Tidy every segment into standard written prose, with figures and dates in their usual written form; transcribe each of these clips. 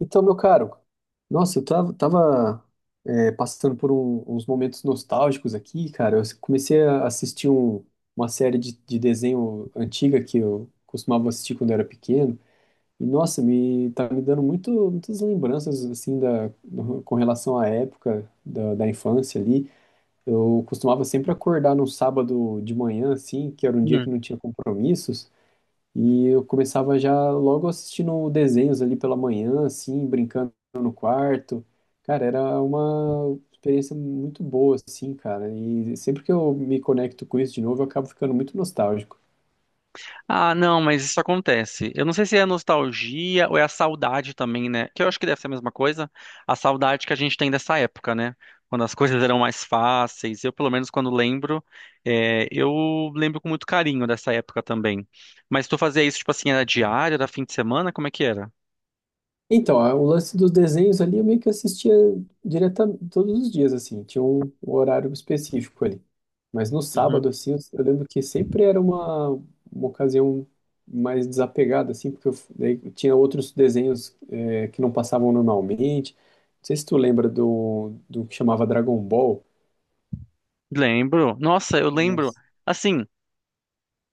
Então, meu caro, nossa, eu passando por uns momentos nostálgicos aqui, cara. Eu comecei a assistir uma série de desenho antiga que eu costumava assistir quando eu era pequeno. E, nossa, me tá me dando muitas lembranças, assim, com relação à época da infância ali. Eu costumava sempre acordar num sábado de manhã, assim, que era um dia que Hum. não tinha compromissos. E eu começava já logo assistindo desenhos ali pela manhã, assim, brincando no quarto. Cara, era uma experiência muito boa, assim, cara. E sempre que eu me conecto com isso de novo, eu acabo ficando muito nostálgico. Ah, não, mas isso acontece. Eu não sei se é a nostalgia ou é a saudade também, né? Que eu acho que deve ser a mesma coisa. A saudade que a gente tem dessa época, né? Quando as coisas eram mais fáceis. Eu, pelo menos, quando lembro, eu lembro com muito carinho dessa época também. Mas tu fazia isso, tipo assim, era diário, era fim de semana? Como é que era? Então, o lance dos desenhos ali, eu meio que assistia diretamente todos os dias, assim, tinha um horário específico ali. Mas no Uhum. sábado, assim, eu lembro que sempre era uma ocasião mais desapegada, assim, porque eu, daí tinha outros desenhos que não passavam normalmente. Não sei se tu lembra do que chamava Dragon Ball. Lembro. Nossa, eu lembro. Nossa, Assim.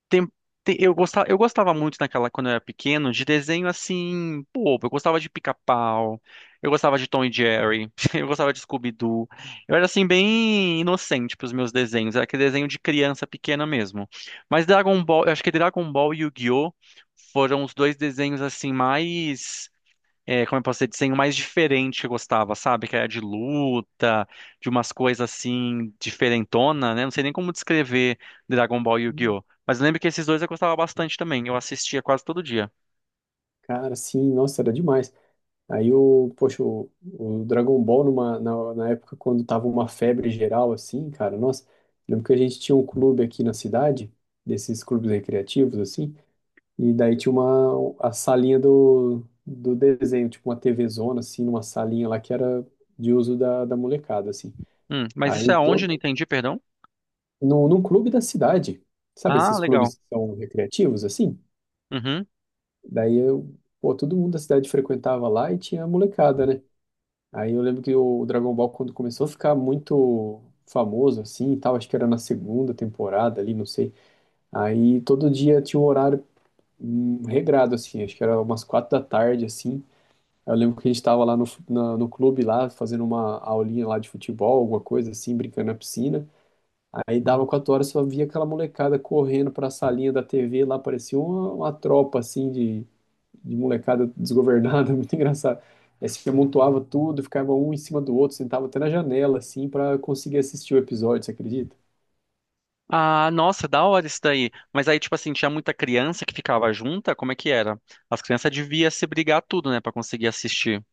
tem- eu gostava muito naquela, quando eu era pequeno, de desenho assim, pô, eu gostava de Pica-Pau, eu gostava de Tom e Jerry, eu gostava de Scooby-Doo. Eu era assim, bem inocente pros meus desenhos, era aquele desenho de criança pequena mesmo. Mas Dragon Ball, eu acho que Dragon Ball e Yu-Gi-Oh! Foram os dois desenhos assim mais como eu posso dizer, desenho mais diferente que eu gostava, sabe? Que era de luta, de umas coisas assim, diferentona, né? Não sei nem como descrever Dragon Ball e Yu-Gi-Oh! Mas eu lembro que esses dois eu gostava bastante também, eu assistia quase todo dia. cara, sim, nossa, era demais. Aí poxa, o Dragon Ball na época quando tava uma febre geral assim, cara, nossa, lembro que a gente tinha um clube aqui na cidade, desses clubes recreativos assim, e daí tinha uma a salinha do desenho, tipo uma TV zona assim, numa salinha lá que era de uso da molecada assim. Mas isso Aí é todo aonde? Não entendi, perdão? no, num clube da cidade. Sabe Ah, esses legal. clubes que são recreativos assim? Uhum. Daí eu, pô, todo mundo da cidade frequentava lá e tinha a molecada, né? Aí eu lembro que o Dragon Ball, quando começou a ficar muito famoso, assim, e tal, acho que era na segunda temporada ali, não sei. Aí todo dia tinha um horário regrado, assim, acho que era umas 4 da tarde, assim. Eu lembro que a gente tava lá no clube, lá, fazendo uma aulinha lá de futebol, alguma coisa assim, brincando na piscina. Aí dava Uhum. 4 horas, só via aquela molecada correndo pra salinha da TV, lá parecia uma tropa, assim, de molecada desgovernada, muito engraçado. Aí se amontoava tudo, ficava um em cima do outro, sentava até na janela, assim, pra conseguir assistir o episódio, você acredita? Ah, nossa, da hora isso daí. Mas aí, tipo assim, tinha muita criança que ficava junta? Como é que era? As crianças deviam se brigar tudo, né, pra conseguir assistir.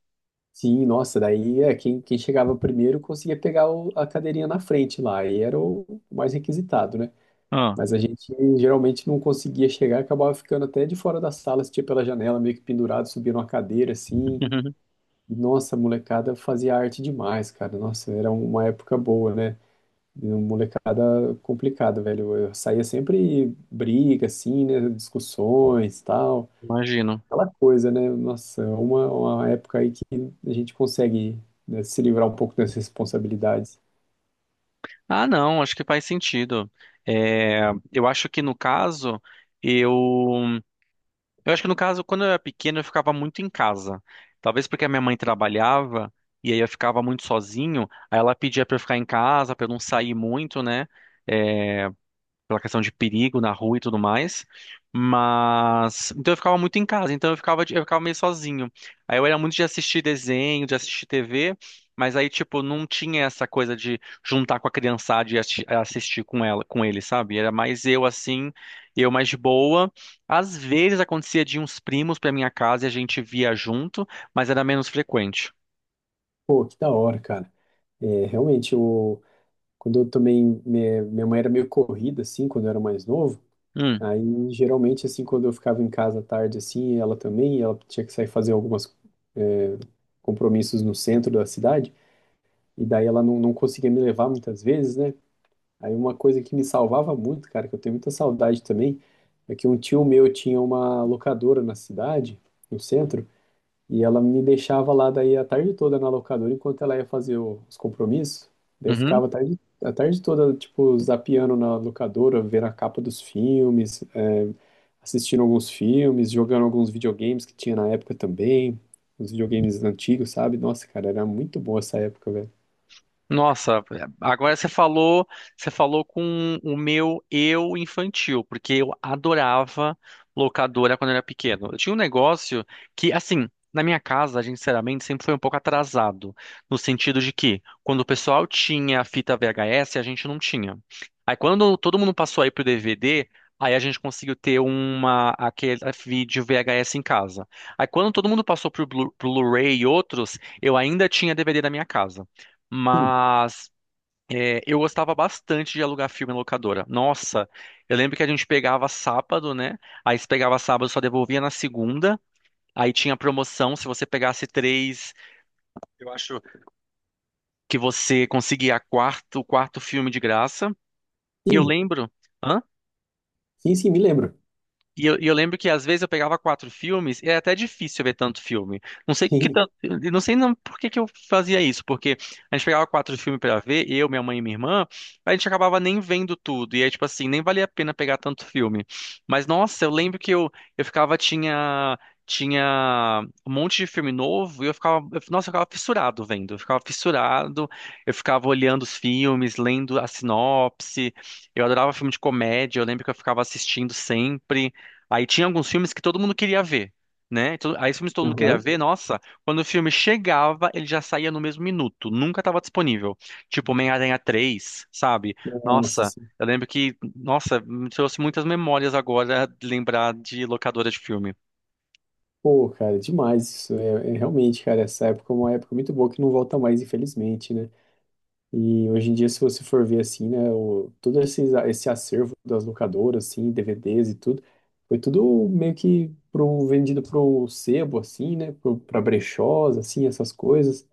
Sim, nossa, daí quem chegava primeiro conseguia pegar a cadeirinha na frente lá, e era o mais requisitado, né? Ah, Mas a gente geralmente não conseguia chegar, acabava ficando até de fora da sala, assistia pela janela, meio que pendurado, subia numa cadeira, assim. E, nossa, a molecada fazia arte demais, cara. Nossa, era uma época boa, né? E uma molecada complicada, velho. Eu saía sempre briga, assim, né? Discussões, tal. imagino. Aquela coisa, né? Nossa, é uma, época aí que a gente consegue, né, se livrar um pouco das responsabilidades. Ah, não, acho que faz sentido. É, eu acho que no caso, eu, eu acho que no caso, quando eu era pequeno, eu ficava muito em casa. Talvez porque a minha mãe trabalhava e aí eu ficava muito sozinho, aí ela pedia pra eu ficar em casa, pra eu não sair muito, né? Pela questão de perigo na rua e tudo mais. Mas então eu ficava muito em casa, então eu ficava meio sozinho. Aí eu era muito de assistir desenho, de assistir TV, mas aí tipo não tinha essa coisa de juntar com a criançada e assistir com ela, com ele, sabe? Era mais eu assim, eu mais de boa. Às vezes acontecia de uns primos pra minha casa e a gente via junto, mas era menos frequente. Pô, que da hora, cara. É, realmente, eu, quando eu também. Minha mãe era meio corrida, assim, quando eu era mais novo. Hum, Aí, geralmente, assim, quando eu ficava em casa à tarde, assim, ela também, ela tinha que sair fazer algumas, é, compromissos no centro da cidade. E daí ela não conseguia me levar muitas vezes, né? Aí uma coisa que me salvava muito, cara, que eu tenho muita saudade também, é que um tio meu tinha uma locadora na cidade, no centro, e ela me deixava lá daí a tarde toda na locadora enquanto ela ia fazer os compromissos. Daí eu uhum. ficava a tarde toda, tipo, zapeando na locadora, vendo a capa dos filmes, assistindo alguns filmes, jogando alguns videogames que tinha na época também, os videogames antigos, sabe? Nossa, cara, era muito boa essa época, velho. Nossa, agora você falou com o meu eu infantil, porque eu adorava locadora quando eu era pequeno. Eu tinha um negócio que, assim, na minha casa, a gente sinceramente sempre foi um pouco atrasado, no sentido de que quando o pessoal tinha a fita VHS, a gente não tinha. Aí quando todo mundo passou aí pro DVD, aí a gente conseguiu ter uma, aquele vídeo VHS em casa. Aí quando todo mundo passou pro Blu-ray e outros, eu ainda tinha DVD na minha casa. Sim, Mas eu gostava bastante de alugar filme em locadora. Nossa, eu lembro que a gente pegava sábado, né? Aí se pegava sábado, só devolvia na segunda. Aí tinha promoção, se você pegasse três, eu acho que você conseguia quarto, o quarto filme de graça. E eu sim, lembro. Hã? sim, sim, me lembro. E eu lembro que às vezes eu pegava quatro filmes, e era até difícil ver tanto filme. Não sei que Sim. tanto, eu não sei não por que que eu fazia isso, porque a gente pegava quatro filmes pra ver, eu, minha mãe e minha irmã, a gente acabava nem vendo tudo. E aí, tipo assim, nem valia a pena pegar tanto filme. Mas nossa, eu lembro que eu ficava, tinha, tinha um monte de filme novo, e nossa, eu ficava fissurado vendo. Eu ficava fissurado, eu ficava olhando os filmes, lendo a sinopse. Eu adorava filme de comédia, eu lembro que eu ficava assistindo sempre. Aí tinha alguns filmes que todo mundo queria ver, né? Aí os filmes que todo mundo queria Aham. ver, nossa, quando o filme chegava, ele já saía no mesmo minuto, nunca estava disponível. Tipo Homem-Aranha 3, sabe? Nossa, Nossa, sim. eu lembro que, nossa, me trouxe muitas memórias agora de lembrar de locadora de filme. Pô, cara, demais isso. É, realmente, cara, essa época é uma época muito boa que não volta mais, infelizmente, né? E hoje em dia, se você for ver assim, né, todo esse acervo das locadoras, assim, DVDs e tudo, foi tudo meio que vendido pro sebo, assim, né? Pra brechós, assim, essas coisas.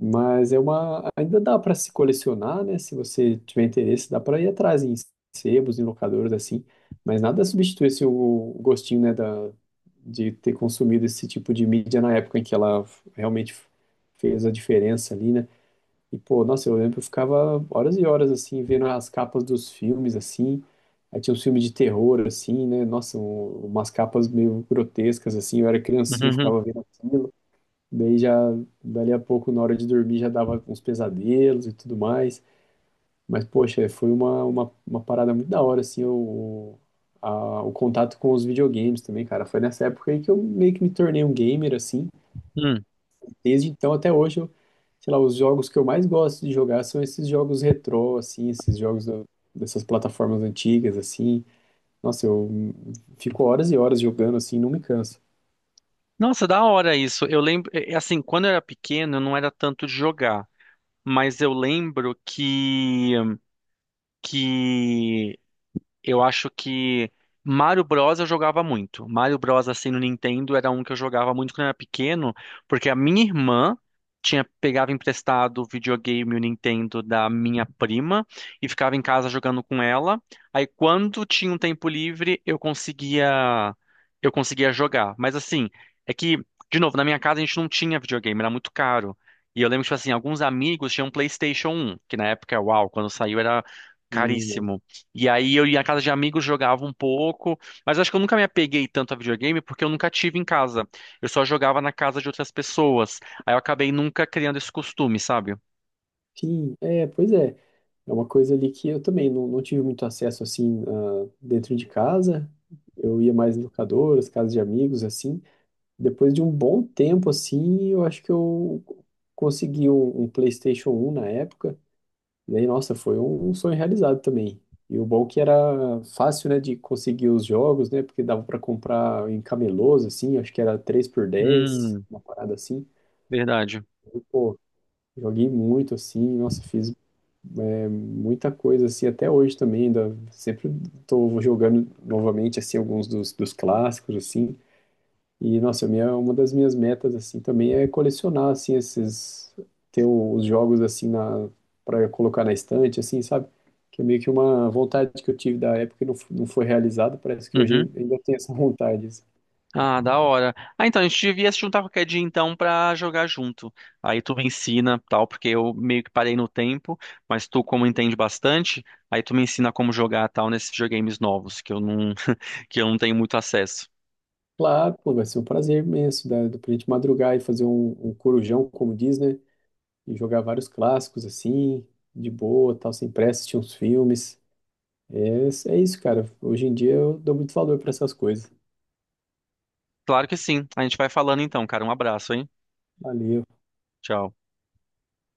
Mas é ainda dá para se colecionar, né? Se você tiver interesse, dá para ir atrás em sebos, em locadores assim. Mas nada substitui assim, o gostinho, né, de ter consumido esse tipo de mídia na época em que ela realmente fez a diferença ali, né? E pô, nossa, eu lembro que eu ficava horas e horas assim vendo as capas dos filmes assim. Aí tinha uns filmes de terror assim, né? Nossa, umas capas meio grotescas assim. Eu era criancinha, eu Uhum, ficava vendo aquilo. Daí já, dali a pouco, na hora de dormir, já dava uns pesadelos e tudo mais. Mas, poxa, foi uma, uma parada muito da hora, assim, o contato com os videogames também, cara. Foi nessa época aí que eu meio que me tornei um gamer, assim. uhum. Desde então até hoje, eu, sei lá, os jogos que eu mais gosto de jogar são esses jogos retrô, assim, esses jogos dessas plataformas antigas, assim. Nossa, eu fico horas e horas jogando, assim, não me canso. Nossa, da hora isso. Eu lembro, é assim, quando eu era pequeno, eu não era tanto de jogar, mas eu lembro que eu acho que Mario Bros eu jogava muito. Mario Bros assim no Nintendo era um que eu jogava muito quando eu era pequeno, porque a minha irmã tinha pegava emprestado o videogame e o Nintendo da minha prima e ficava em casa jogando com ela. Aí quando tinha um tempo livre, eu conseguia jogar. Mas assim, é que de novo, na minha casa a gente não tinha videogame, era muito caro. E eu lembro que, tipo assim, alguns amigos tinham PlayStation um que na época, uau, quando saiu era Hum, caríssimo. E aí eu ia à casa de amigos, jogava um pouco, mas acho que eu nunca me apeguei tanto a videogame porque eu nunca tive em casa. Eu só jogava na casa de outras pessoas. Aí eu acabei nunca criando esse costume, sabe? Sim, é, pois é. É uma coisa ali que eu também não tive muito acesso assim dentro de casa. Eu ia mais em locadoras, casas de amigos, assim. Depois de um bom tempo, assim, eu acho que eu consegui um PlayStation 1 na época. E aí, nossa, foi um sonho realizado também. E o bom é que era fácil, né, de conseguir os jogos, né, porque dava para comprar em camelôs, assim, acho que era 3 por 10 Hum, uma parada assim. verdade. E, pô, joguei muito, assim, nossa, fiz muita coisa, assim, até hoje também, ainda sempre estou jogando novamente, assim, alguns dos clássicos, assim, e, nossa, uma das minhas metas, assim, também é colecionar, assim, esses, ter os jogos, assim, para colocar na estante, assim, sabe? Que é meio que uma vontade que eu tive da época e não foi realizada, parece que Uhum. hoje ainda tenho essa vontade, assim. Ah, da hora. Ah, então a gente devia se juntar qualquer dia então pra jogar junto. Aí tu me ensina, tal, porque eu meio que parei no tempo, mas tu como entende bastante, aí tu me ensina como jogar tal nesses videogames novos que eu não que eu não tenho muito acesso. Claro, pô, vai ser um prazer imenso, da gente madrugar e fazer um corujão, como diz, né? E jogar vários clássicos assim, de boa, tal, sem pressa, assistir uns filmes. É, é, isso, cara. Hoje em dia eu dou muito valor para essas coisas. Claro que sim. A gente vai falando então, cara. Um abraço, hein? Valeu. Tchau.